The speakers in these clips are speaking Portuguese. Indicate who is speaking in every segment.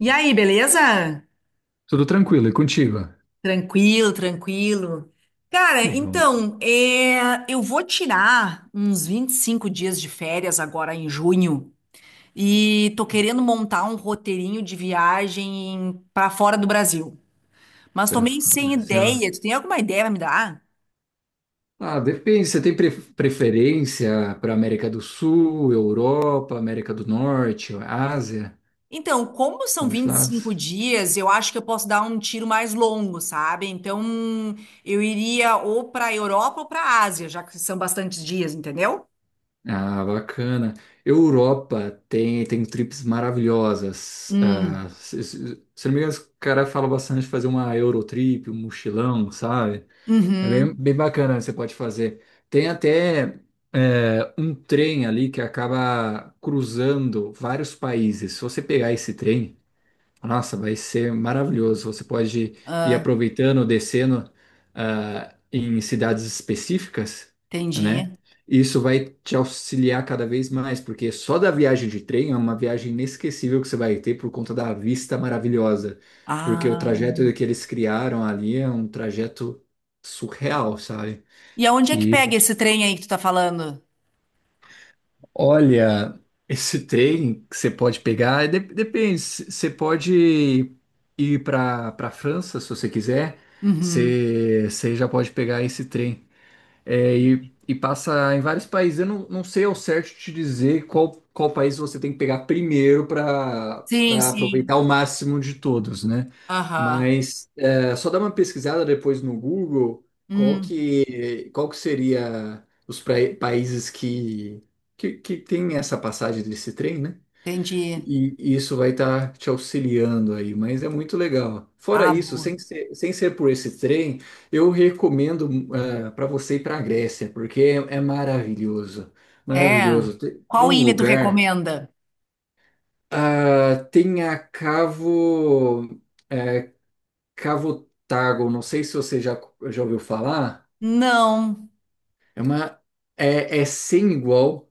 Speaker 1: E aí, beleza?
Speaker 2: Tudo tranquilo, e contigo?
Speaker 1: Tranquilo, tranquilo. Cara,
Speaker 2: E vão
Speaker 1: então, eu vou tirar uns 25 dias de férias agora em junho e tô querendo montar um roteirinho de viagem pra fora do Brasil. Mas tô
Speaker 2: para
Speaker 1: meio
Speaker 2: fora do
Speaker 1: sem
Speaker 2: Brasil.
Speaker 1: ideia. Tu tem alguma ideia pra me dar?
Speaker 2: Ah, depende. Você tem preferência para América do Sul, Europa, América do Norte, Ásia?
Speaker 1: Então, como
Speaker 2: Um
Speaker 1: são
Speaker 2: desses
Speaker 1: 25
Speaker 2: lados?
Speaker 1: dias, eu acho que eu posso dar um tiro mais longo, sabe? Então, eu iria ou pra Europa ou pra Ásia, já que são bastantes dias, entendeu?
Speaker 2: Ah, bacana. Europa tem trips maravilhosas.
Speaker 1: Hum.
Speaker 2: Ah, se não me engano, os caras falam bastante de fazer uma Eurotrip, um mochilão, sabe? É bem,
Speaker 1: Uhum.
Speaker 2: bem bacana, você pode fazer. Tem até um trem ali que acaba cruzando vários países. Se você pegar esse trem, nossa, vai ser maravilhoso. Você pode ir
Speaker 1: Ah,
Speaker 2: aproveitando, descendo, em cidades específicas, né?
Speaker 1: entendi.
Speaker 2: Isso vai te auxiliar cada vez mais, porque só da viagem de trem é uma viagem inesquecível que você vai ter por conta da vista maravilhosa. Porque o
Speaker 1: Ah.
Speaker 2: trajeto que eles criaram ali é um trajeto surreal, sabe?
Speaker 1: E aonde é que
Speaker 2: Que
Speaker 1: pega esse trem aí que tu tá falando?
Speaker 2: Olha, esse trem que você pode pegar, é depende, você pode ir para França se você quiser,
Speaker 1: Uhum.
Speaker 2: você já pode pegar esse trem. É, e passa em vários países. Eu não sei ao certo te dizer qual país você tem que pegar primeiro para
Speaker 1: Sim,
Speaker 2: para
Speaker 1: sim.
Speaker 2: aproveitar o máximo de todos, né?
Speaker 1: Aham.
Speaker 2: Mas é, só dá uma pesquisada depois no Google
Speaker 1: Hum,
Speaker 2: qual que seria os países que tem essa passagem desse trem, né?
Speaker 1: entendi.
Speaker 2: E isso vai estar te auxiliando aí, mas é muito legal. Fora
Speaker 1: Ah,
Speaker 2: isso,
Speaker 1: boa.
Speaker 2: sem ser por esse trem, eu recomendo para você ir para a Grécia, porque é maravilhoso.
Speaker 1: É.
Speaker 2: Maravilhoso. Tem
Speaker 1: Qual
Speaker 2: um
Speaker 1: ilha tu
Speaker 2: lugar,
Speaker 1: recomenda?
Speaker 2: ah, tem a Cavo, é, Cavotago, não sei se você já ouviu falar,
Speaker 1: Não.
Speaker 2: é, uma, é sem igual.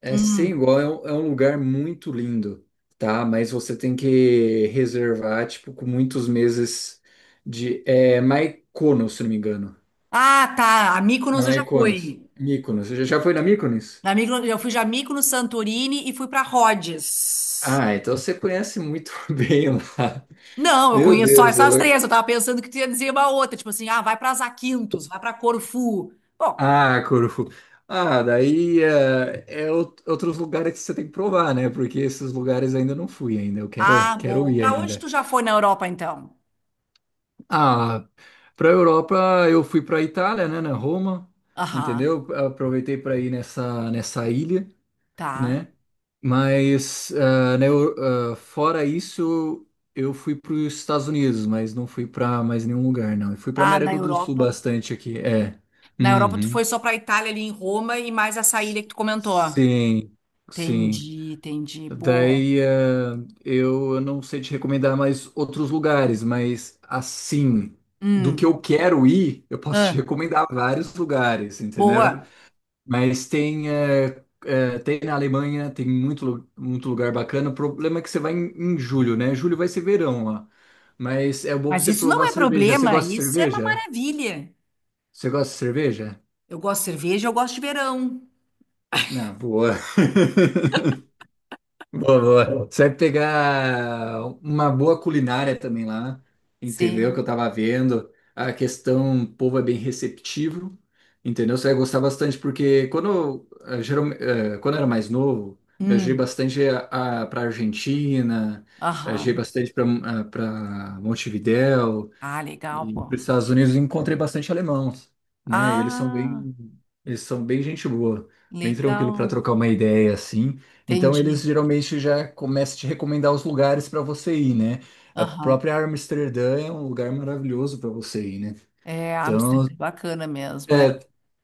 Speaker 2: É
Speaker 1: Hum.
Speaker 2: sem igual, é um lugar muito lindo, tá? Mas você tem que reservar, tipo, com muitos meses de... É Mykonos, se não me engano.
Speaker 1: Ah, tá. A
Speaker 2: É
Speaker 1: Mykonos eu já
Speaker 2: Mykonos.
Speaker 1: fui.
Speaker 2: Mykonos. Você já foi na Mykonos?
Speaker 1: Na Mykonos, eu fui já Mykonos, Santorini e fui pra Rhodes.
Speaker 2: Ah, então você conhece muito bem lá.
Speaker 1: Não, eu
Speaker 2: Meu
Speaker 1: conheço só
Speaker 2: Deus,
Speaker 1: essas
Speaker 2: ela...
Speaker 1: três. Eu tava pensando que tu ia dizer uma outra, tipo assim, ah, vai pra Zakynthos, vai pra Corfu. Bom,
Speaker 2: Ah, Corfu. Ah, daí é, é outros lugares que você tem que provar, né? Porque esses lugares ainda não fui ainda. Eu
Speaker 1: ah,
Speaker 2: quero
Speaker 1: bom.
Speaker 2: ir
Speaker 1: Para onde
Speaker 2: ainda.
Speaker 1: tu já foi na Europa, então?
Speaker 2: Ah, para a Europa eu fui para a Itália, né, na Roma,
Speaker 1: Aham,
Speaker 2: entendeu? Aproveitei para ir nessa ilha,
Speaker 1: tá.
Speaker 2: né? Mas fora isso eu fui para os Estados Unidos, mas não fui para mais nenhum lugar, não. Eu fui para
Speaker 1: Ah, na
Speaker 2: América do Sul
Speaker 1: Europa?
Speaker 2: bastante aqui, é.
Speaker 1: Na Europa tu
Speaker 2: Uhum.
Speaker 1: foi só pra Itália ali em Roma e mais essa
Speaker 2: S-
Speaker 1: ilha que tu comentou.
Speaker 2: Sim, sim.
Speaker 1: Entendi, entendi. Boa.
Speaker 2: Daí, eu não sei te recomendar mais outros lugares, mas assim, do que
Speaker 1: Hum,
Speaker 2: eu quero ir, eu posso te
Speaker 1: ah,
Speaker 2: recomendar vários lugares, entendeu?
Speaker 1: boa.
Speaker 2: Mas tem, tem na Alemanha, tem muito, muito lugar bacana. O problema é que você vai em julho, né? Julho vai ser verão lá. Mas é bom pra
Speaker 1: Mas
Speaker 2: você
Speaker 1: isso não
Speaker 2: provar
Speaker 1: é
Speaker 2: cerveja. Você
Speaker 1: problema,
Speaker 2: gosta de
Speaker 1: isso é uma
Speaker 2: cerveja?
Speaker 1: maravilha.
Speaker 2: Você gosta de cerveja?
Speaker 1: Eu gosto de cerveja, eu gosto de verão.
Speaker 2: Não, boa. Boa, boa. Você vai pegar uma boa culinária também lá, entendeu? Que
Speaker 1: Sim.
Speaker 2: eu tava vendo. A questão, o povo é bem receptivo, entendeu? Você vai gostar bastante, porque quando, eu, eh, geral- eh, quando eu era mais novo, viajei
Speaker 1: Hum,
Speaker 2: bastante para Argentina, viajei
Speaker 1: aham.
Speaker 2: bastante para Montevidéu,
Speaker 1: Ah, legal,
Speaker 2: e para
Speaker 1: pô.
Speaker 2: os Estados Unidos eu encontrei bastante alemão, né? E
Speaker 1: Ah,
Speaker 2: eles são bem gente boa, bem tranquilo para
Speaker 1: legal.
Speaker 2: trocar uma ideia assim. Então
Speaker 1: Entendi.
Speaker 2: eles geralmente já começam a te recomendar os lugares para você ir, né? A
Speaker 1: Aham.
Speaker 2: própria Amsterdã é um lugar maravilhoso para você ir, né?
Speaker 1: É, Amsterdã
Speaker 2: Então,
Speaker 1: é bacana mesmo, é.
Speaker 2: é,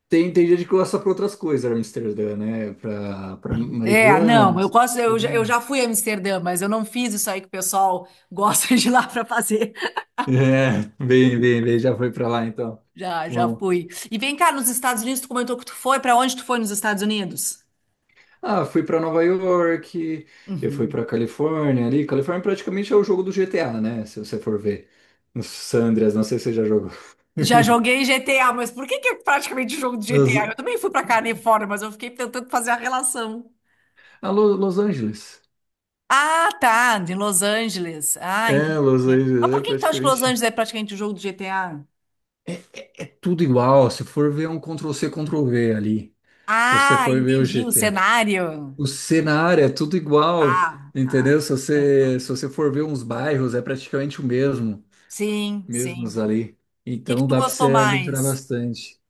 Speaker 2: tem gente que gosta para outras coisas, Amsterdã, né? Para
Speaker 1: É, não,
Speaker 2: marijuana,
Speaker 1: eu
Speaker 2: essas
Speaker 1: gosto,
Speaker 2: coisas, né?
Speaker 1: eu já fui a Amsterdã, mas eu não fiz isso aí que o pessoal gosta de ir lá para fazer.
Speaker 2: É, bem, já foi para lá então.
Speaker 1: Já, já
Speaker 2: Bom.
Speaker 1: fui. E vem cá, nos Estados Unidos, tu comentou que tu foi, para onde tu foi nos Estados Unidos?
Speaker 2: Ah, fui para Nova York, eu fui
Speaker 1: Uhum.
Speaker 2: para Califórnia ali. Califórnia praticamente é o jogo do GTA, né? Se você for ver. Os San Andreas, não sei se você já jogou.
Speaker 1: Já joguei GTA, mas por que que é praticamente jogo de
Speaker 2: Mas,
Speaker 1: GTA? Eu também fui para Califórnia, mas eu fiquei tentando fazer a relação.
Speaker 2: ah, Los Angeles.
Speaker 1: Ah, tá, de Los Angeles. Ah, entendi.
Speaker 2: É, Los
Speaker 1: Mas
Speaker 2: Angeles é
Speaker 1: por que que tu acha que Los Angeles
Speaker 2: praticamente.
Speaker 1: é praticamente o jogo do GTA?
Speaker 2: É tudo igual. Se for ver é um Ctrl-C, Ctrl-V ali. Se você
Speaker 1: Ah,
Speaker 2: for ver o
Speaker 1: entendi o
Speaker 2: GT.
Speaker 1: cenário.
Speaker 2: O cenário é tudo igual.
Speaker 1: Ah, tá.
Speaker 2: Entendeu? Se você for ver uns bairros, é praticamente o mesmo.
Speaker 1: Sim,
Speaker 2: Mesmos
Speaker 1: sim.
Speaker 2: ali.
Speaker 1: Que
Speaker 2: Então
Speaker 1: tu
Speaker 2: dá para você
Speaker 1: gostou
Speaker 2: aventurar
Speaker 1: mais?
Speaker 2: bastante.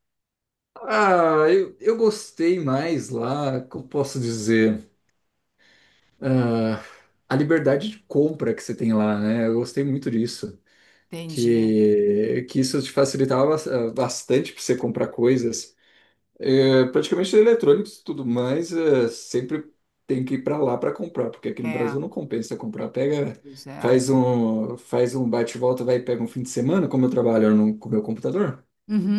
Speaker 2: Ah, eu gostei mais lá, como posso dizer, ah, a liberdade de compra que você tem lá, né? Eu gostei muito disso,
Speaker 1: Entendi.
Speaker 2: que isso te facilitava bastante para você comprar coisas. Praticamente eletrônicos e tudo mais, sempre tem que ir para lá para comprar, porque aqui no
Speaker 1: É,
Speaker 2: Brasil não compensa comprar. Pega,
Speaker 1: pois é.
Speaker 2: faz faz um bate e volta, vai e pega um fim de semana, como eu trabalho no, com o meu computador.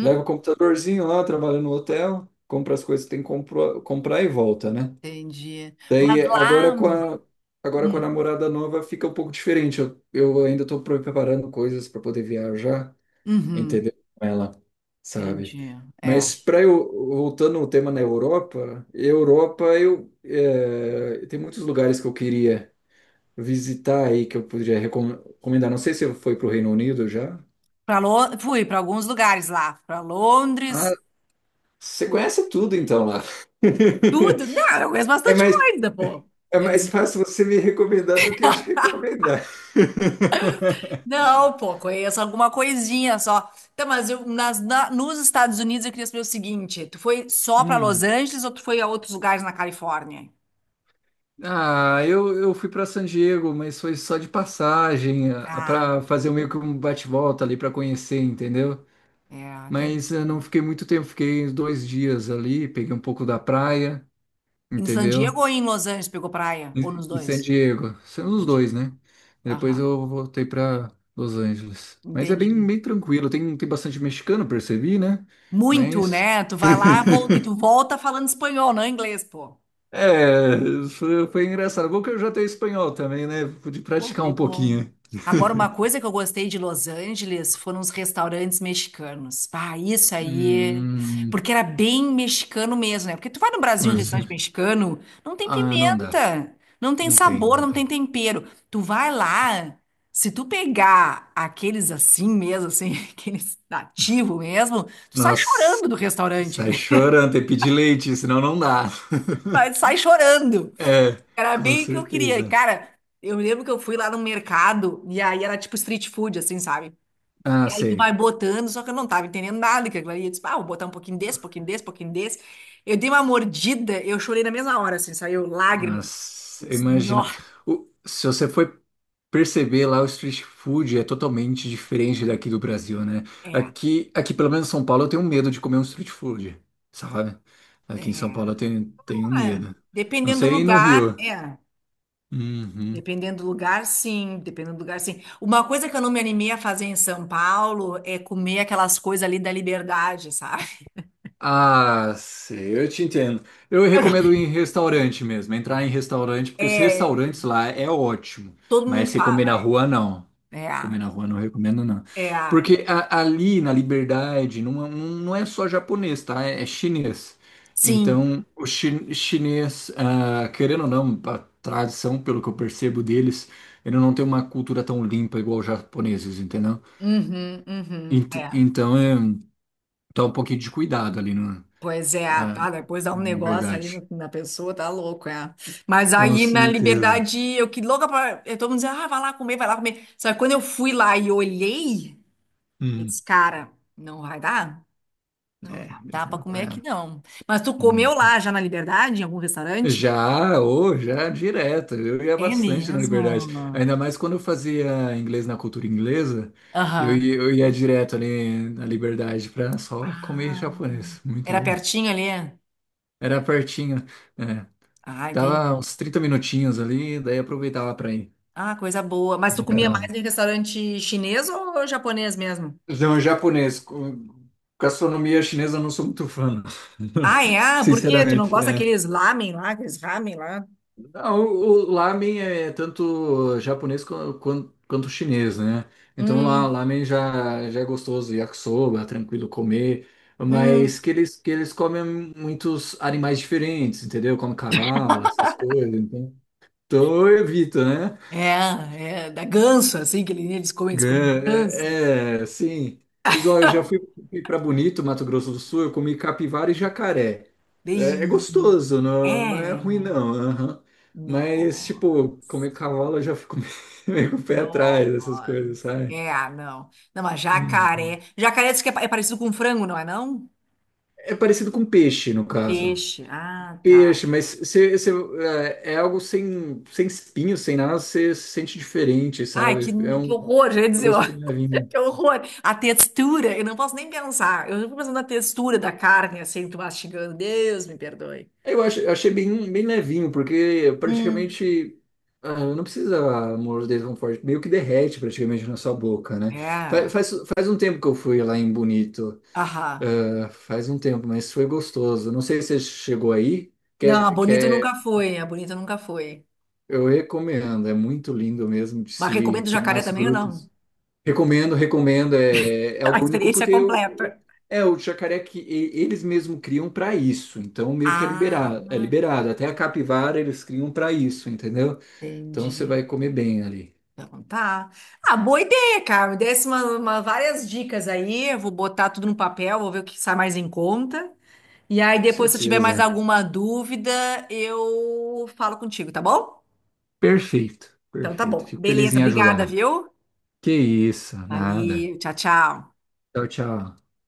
Speaker 2: Leva o computadorzinho lá, trabalha no hotel, compra as coisas que tem que comprar e volta, né?
Speaker 1: Entendi. Mas
Speaker 2: Daí
Speaker 1: lá.
Speaker 2: agora com a
Speaker 1: Hum,
Speaker 2: namorada nova fica um pouco diferente. Eu ainda estou preparando coisas para poder viajar,
Speaker 1: uhum,
Speaker 2: entendeu? Com ela, sabe?
Speaker 1: entendi. É.
Speaker 2: Mas para eu voltando ao tema na Europa, Europa eu tem muitos lugares que eu queria visitar aí que eu poderia recomendar. Não sei se foi para o Reino Unido já.
Speaker 1: Pra fui para alguns lugares lá, para
Speaker 2: Ah,
Speaker 1: Londres,
Speaker 2: você conhece tudo então lá.
Speaker 1: tudo. Não, eu conheço
Speaker 2: É
Speaker 1: bastante
Speaker 2: mais,
Speaker 1: coisa, pô.
Speaker 2: é
Speaker 1: Eu
Speaker 2: mais fácil você me recomendar do que eu te recomendar.
Speaker 1: Não, pô, conheço alguma coisinha só. Então, mas nos Estados Unidos eu queria saber o seguinte: tu foi só para Los
Speaker 2: Hum.
Speaker 1: Angeles ou tu foi a outros lugares na Califórnia?
Speaker 2: Ah, eu fui para San Diego, mas foi só de passagem,
Speaker 1: Ah,
Speaker 2: para fazer meio que um bate-volta ali para conhecer, entendeu?
Speaker 1: é,
Speaker 2: Mas eu não
Speaker 1: entendi.
Speaker 2: fiquei muito tempo, fiquei uns dois dias ali, peguei um pouco da praia,
Speaker 1: Em San Diego
Speaker 2: entendeu?
Speaker 1: ou em Los Angeles pegou praia? Ou nos
Speaker 2: Em San
Speaker 1: dois?
Speaker 2: Diego, sendo os
Speaker 1: Entendi.
Speaker 2: dois, né? Depois
Speaker 1: Aham,
Speaker 2: eu voltei para Los Angeles. Mas é
Speaker 1: entendi.
Speaker 2: bem tranquilo, tem bastante mexicano, percebi, né?
Speaker 1: Muito,
Speaker 2: Mas.
Speaker 1: né? Tu vai lá vol- E tu volta falando espanhol, não inglês, pô.
Speaker 2: É, foi engraçado. Bom que eu já tenho espanhol também, né? Pude praticar
Speaker 1: Sempre
Speaker 2: um
Speaker 1: bom.
Speaker 2: pouquinho.
Speaker 1: Agora, uma coisa que eu gostei de Los Angeles foram os restaurantes mexicanos. Ah, isso aí.
Speaker 2: Hum,
Speaker 1: Porque era bem mexicano mesmo, né? Porque tu vai no
Speaker 2: como
Speaker 1: Brasil em
Speaker 2: assim?
Speaker 1: restaurante mexicano, não tem
Speaker 2: Ah, não dá.
Speaker 1: pimenta, não tem sabor,
Speaker 2: Não
Speaker 1: não tem
Speaker 2: tem.
Speaker 1: tempero. Tu vai lá, se tu pegar aqueles assim mesmo, assim, aqueles nativos mesmo, tu sai
Speaker 2: Nossa,
Speaker 1: chorando do restaurante,
Speaker 2: sai
Speaker 1: né?
Speaker 2: chorando, tem que pedir leite, senão não dá.
Speaker 1: Mas sai chorando.
Speaker 2: É,
Speaker 1: Era
Speaker 2: com
Speaker 1: bem o que eu queria. E,
Speaker 2: certeza.
Speaker 1: cara, eu lembro que eu fui lá no mercado e aí era tipo street food, assim, sabe?
Speaker 2: Ah,
Speaker 1: E aí tu
Speaker 2: sei.
Speaker 1: vai botando, só que eu não tava entendendo nada que aquilo ali. Eu disse, ah, vou botar um pouquinho desse, pouquinho desse, pouquinho desse. Eu dei uma mordida, eu chorei na mesma hora, assim, saiu lágrima.
Speaker 2: Nossa,
Speaker 1: Eu
Speaker 2: eu
Speaker 1: disse, nó,
Speaker 2: imagino. Se você for perceber lá, o street food é totalmente diferente daqui do Brasil, né?
Speaker 1: é,
Speaker 2: Aqui pelo menos em São Paulo, eu tenho medo de comer um street food, sabe? Aqui em São
Speaker 1: é.
Speaker 2: Paulo eu tenho
Speaker 1: Ah,
Speaker 2: medo. Não
Speaker 1: dependendo do
Speaker 2: sei aí no
Speaker 1: lugar,
Speaker 2: Rio.
Speaker 1: é.
Speaker 2: Uhum.
Speaker 1: Dependendo do lugar, sim. Dependendo do lugar, sim. Uma coisa que eu não me animei a fazer em São Paulo é comer aquelas coisas ali da liberdade, sabe?
Speaker 2: Ah, sei, eu te entendo. Eu recomendo ir em restaurante mesmo, entrar em restaurante, porque os
Speaker 1: É,
Speaker 2: restaurantes lá é ótimo,
Speaker 1: todo
Speaker 2: mas
Speaker 1: mundo
Speaker 2: você comer
Speaker 1: fala.
Speaker 2: na rua, não.
Speaker 1: É
Speaker 2: Comer
Speaker 1: a,
Speaker 2: na rua não recomendo, não.
Speaker 1: é a,
Speaker 2: Porque ali na Liberdade não, não é só japonês, tá? É chinês.
Speaker 1: sim,
Speaker 2: Então, o chinês, ah, querendo ou não, a tradição, pelo que eu percebo deles, ele não tem uma cultura tão limpa igual os japoneses, entendeu?
Speaker 1: uhum, uhum, é.
Speaker 2: Então, é, tá um pouquinho de cuidado ali, né?
Speaker 1: Pois é, tá,
Speaker 2: Ah,
Speaker 1: depois dá
Speaker 2: é
Speaker 1: um negócio ali
Speaker 2: verdade.
Speaker 1: na pessoa, tá louco, é. Mas
Speaker 2: Com
Speaker 1: aí na
Speaker 2: certeza.
Speaker 1: liberdade, eu que louca pra, eu todo mundo dizendo, ah, vai lá comer, vai lá comer. Só que quando eu fui lá e olhei, eu
Speaker 2: Hum,
Speaker 1: disse, cara, não vai dar, não
Speaker 2: é,
Speaker 1: vai
Speaker 2: tem que
Speaker 1: dar pra
Speaker 2: falar,
Speaker 1: comer aqui
Speaker 2: é.
Speaker 1: não. Mas tu comeu
Speaker 2: Hum.
Speaker 1: lá já na liberdade, em algum restaurante?
Speaker 2: Já, ou já é direto, eu ia
Speaker 1: É
Speaker 2: bastante na Liberdade.
Speaker 1: mesmo?
Speaker 2: Ainda mais quando eu fazia inglês na cultura inglesa,
Speaker 1: Aham.
Speaker 2: eu ia direto ali na Liberdade pra só comer
Speaker 1: Ah,
Speaker 2: japonês. Muito
Speaker 1: era
Speaker 2: bom.
Speaker 1: pertinho ali?
Speaker 2: Era pertinho, é.
Speaker 1: Ah,
Speaker 2: Dava
Speaker 1: entendi.
Speaker 2: uns 30 minutinhos ali, daí aproveitava pra ir.
Speaker 1: Ah, coisa boa. Mas
Speaker 2: de
Speaker 1: tu comia mais
Speaker 2: Ficar-
Speaker 1: em restaurante chinês ou japonês mesmo?
Speaker 2: Então, japonês, gastronomia chinesa eu não sou muito fã, não.
Speaker 1: Ah, é? Ah, por quê? Tu não
Speaker 2: Sinceramente.
Speaker 1: gosta
Speaker 2: É.
Speaker 1: daqueles lamen lá, aqueles ramen lá?
Speaker 2: Ah, o lamen é tanto japonês quanto chinês, né? Então lá
Speaker 1: Hum,
Speaker 2: lamen já é gostoso, yakisoba, tranquilo comer, mas
Speaker 1: hum.
Speaker 2: que eles comem muitos animais diferentes, entendeu? Como cavalo, essas coisas, então eu evito, né?
Speaker 1: É, é, da ganso, assim, que eles comem
Speaker 2: Gan-
Speaker 1: ganso.
Speaker 2: É, é, sim. Igual fui para Bonito, Mato Grosso do Sul, eu comi capivara e jacaré. É, é
Speaker 1: Dei.
Speaker 2: gostoso, não, não
Speaker 1: É,
Speaker 2: é ruim não. Aham. Mas,
Speaker 1: não,
Speaker 2: tipo, comer cavalo eu já fico meio com o pé
Speaker 1: não.
Speaker 2: atrás, essas coisas, sabe?
Speaker 1: É, ah, não. Não, mas
Speaker 2: Uhum.
Speaker 1: jacaré. Jacaré diz que é parecido com frango, não é não?
Speaker 2: É parecido com peixe, no caso.
Speaker 1: Peixe. Ah, tá.
Speaker 2: Peixe, mas é algo sem, sem espinho, sem nada, você sente diferente,
Speaker 1: Ai, que,
Speaker 2: sabe? É
Speaker 1: que
Speaker 2: um
Speaker 1: horror, gente.
Speaker 2: gosto bem levinho.
Speaker 1: Que horror! A textura, eu não posso nem pensar. Eu fico pensando na textura da carne, assim, tu mastigando. Deus me perdoe.
Speaker 2: É, eu eu achei bem levinho, porque
Speaker 1: Hum.
Speaker 2: praticamente ah, não precisa morder tão forte, meio que derrete praticamente na sua boca, né? Fa-
Speaker 1: É,
Speaker 2: Faz, faz um tempo que eu fui lá em Bonito,
Speaker 1: aham.
Speaker 2: ah, faz um tempo, mas foi gostoso. Não sei se você chegou aí, que
Speaker 1: Não,
Speaker 2: é,
Speaker 1: a
Speaker 2: que
Speaker 1: Bonito nunca
Speaker 2: é-
Speaker 1: foi, a Bonito nunca foi.
Speaker 2: eu recomendo, é muito lindo mesmo de
Speaker 1: Mas
Speaker 2: se
Speaker 1: recomendo
Speaker 2: ir. Tem
Speaker 1: jacaré
Speaker 2: umas
Speaker 1: também ou
Speaker 2: grutas.
Speaker 1: não?
Speaker 2: Recomendo, recomendo. É, é
Speaker 1: A
Speaker 2: algo único
Speaker 1: experiência é
Speaker 2: porque
Speaker 1: completa.
Speaker 2: é o jacaré que eles mesmo criam para isso. Então meio que é
Speaker 1: Ah,
Speaker 2: liberado, é liberado. Até a capivara eles criam para isso, entendeu? Então você
Speaker 1: entendi.
Speaker 2: vai comer bem ali.
Speaker 1: Então tá. Ah, boa ideia, cara. Me desse várias dicas aí. Eu vou botar tudo no papel, vou ver o que sai mais em conta. E aí
Speaker 2: Com
Speaker 1: depois, se eu tiver mais
Speaker 2: certeza.
Speaker 1: alguma dúvida, eu falo contigo, tá bom?
Speaker 2: Perfeito,
Speaker 1: Então tá
Speaker 2: perfeito.
Speaker 1: bom.
Speaker 2: Fico feliz
Speaker 1: Beleza,
Speaker 2: em
Speaker 1: obrigada,
Speaker 2: ajudar.
Speaker 1: viu?
Speaker 2: Que isso, nada.
Speaker 1: Valeu, tchau, tchau.
Speaker 2: Tchau, tchau.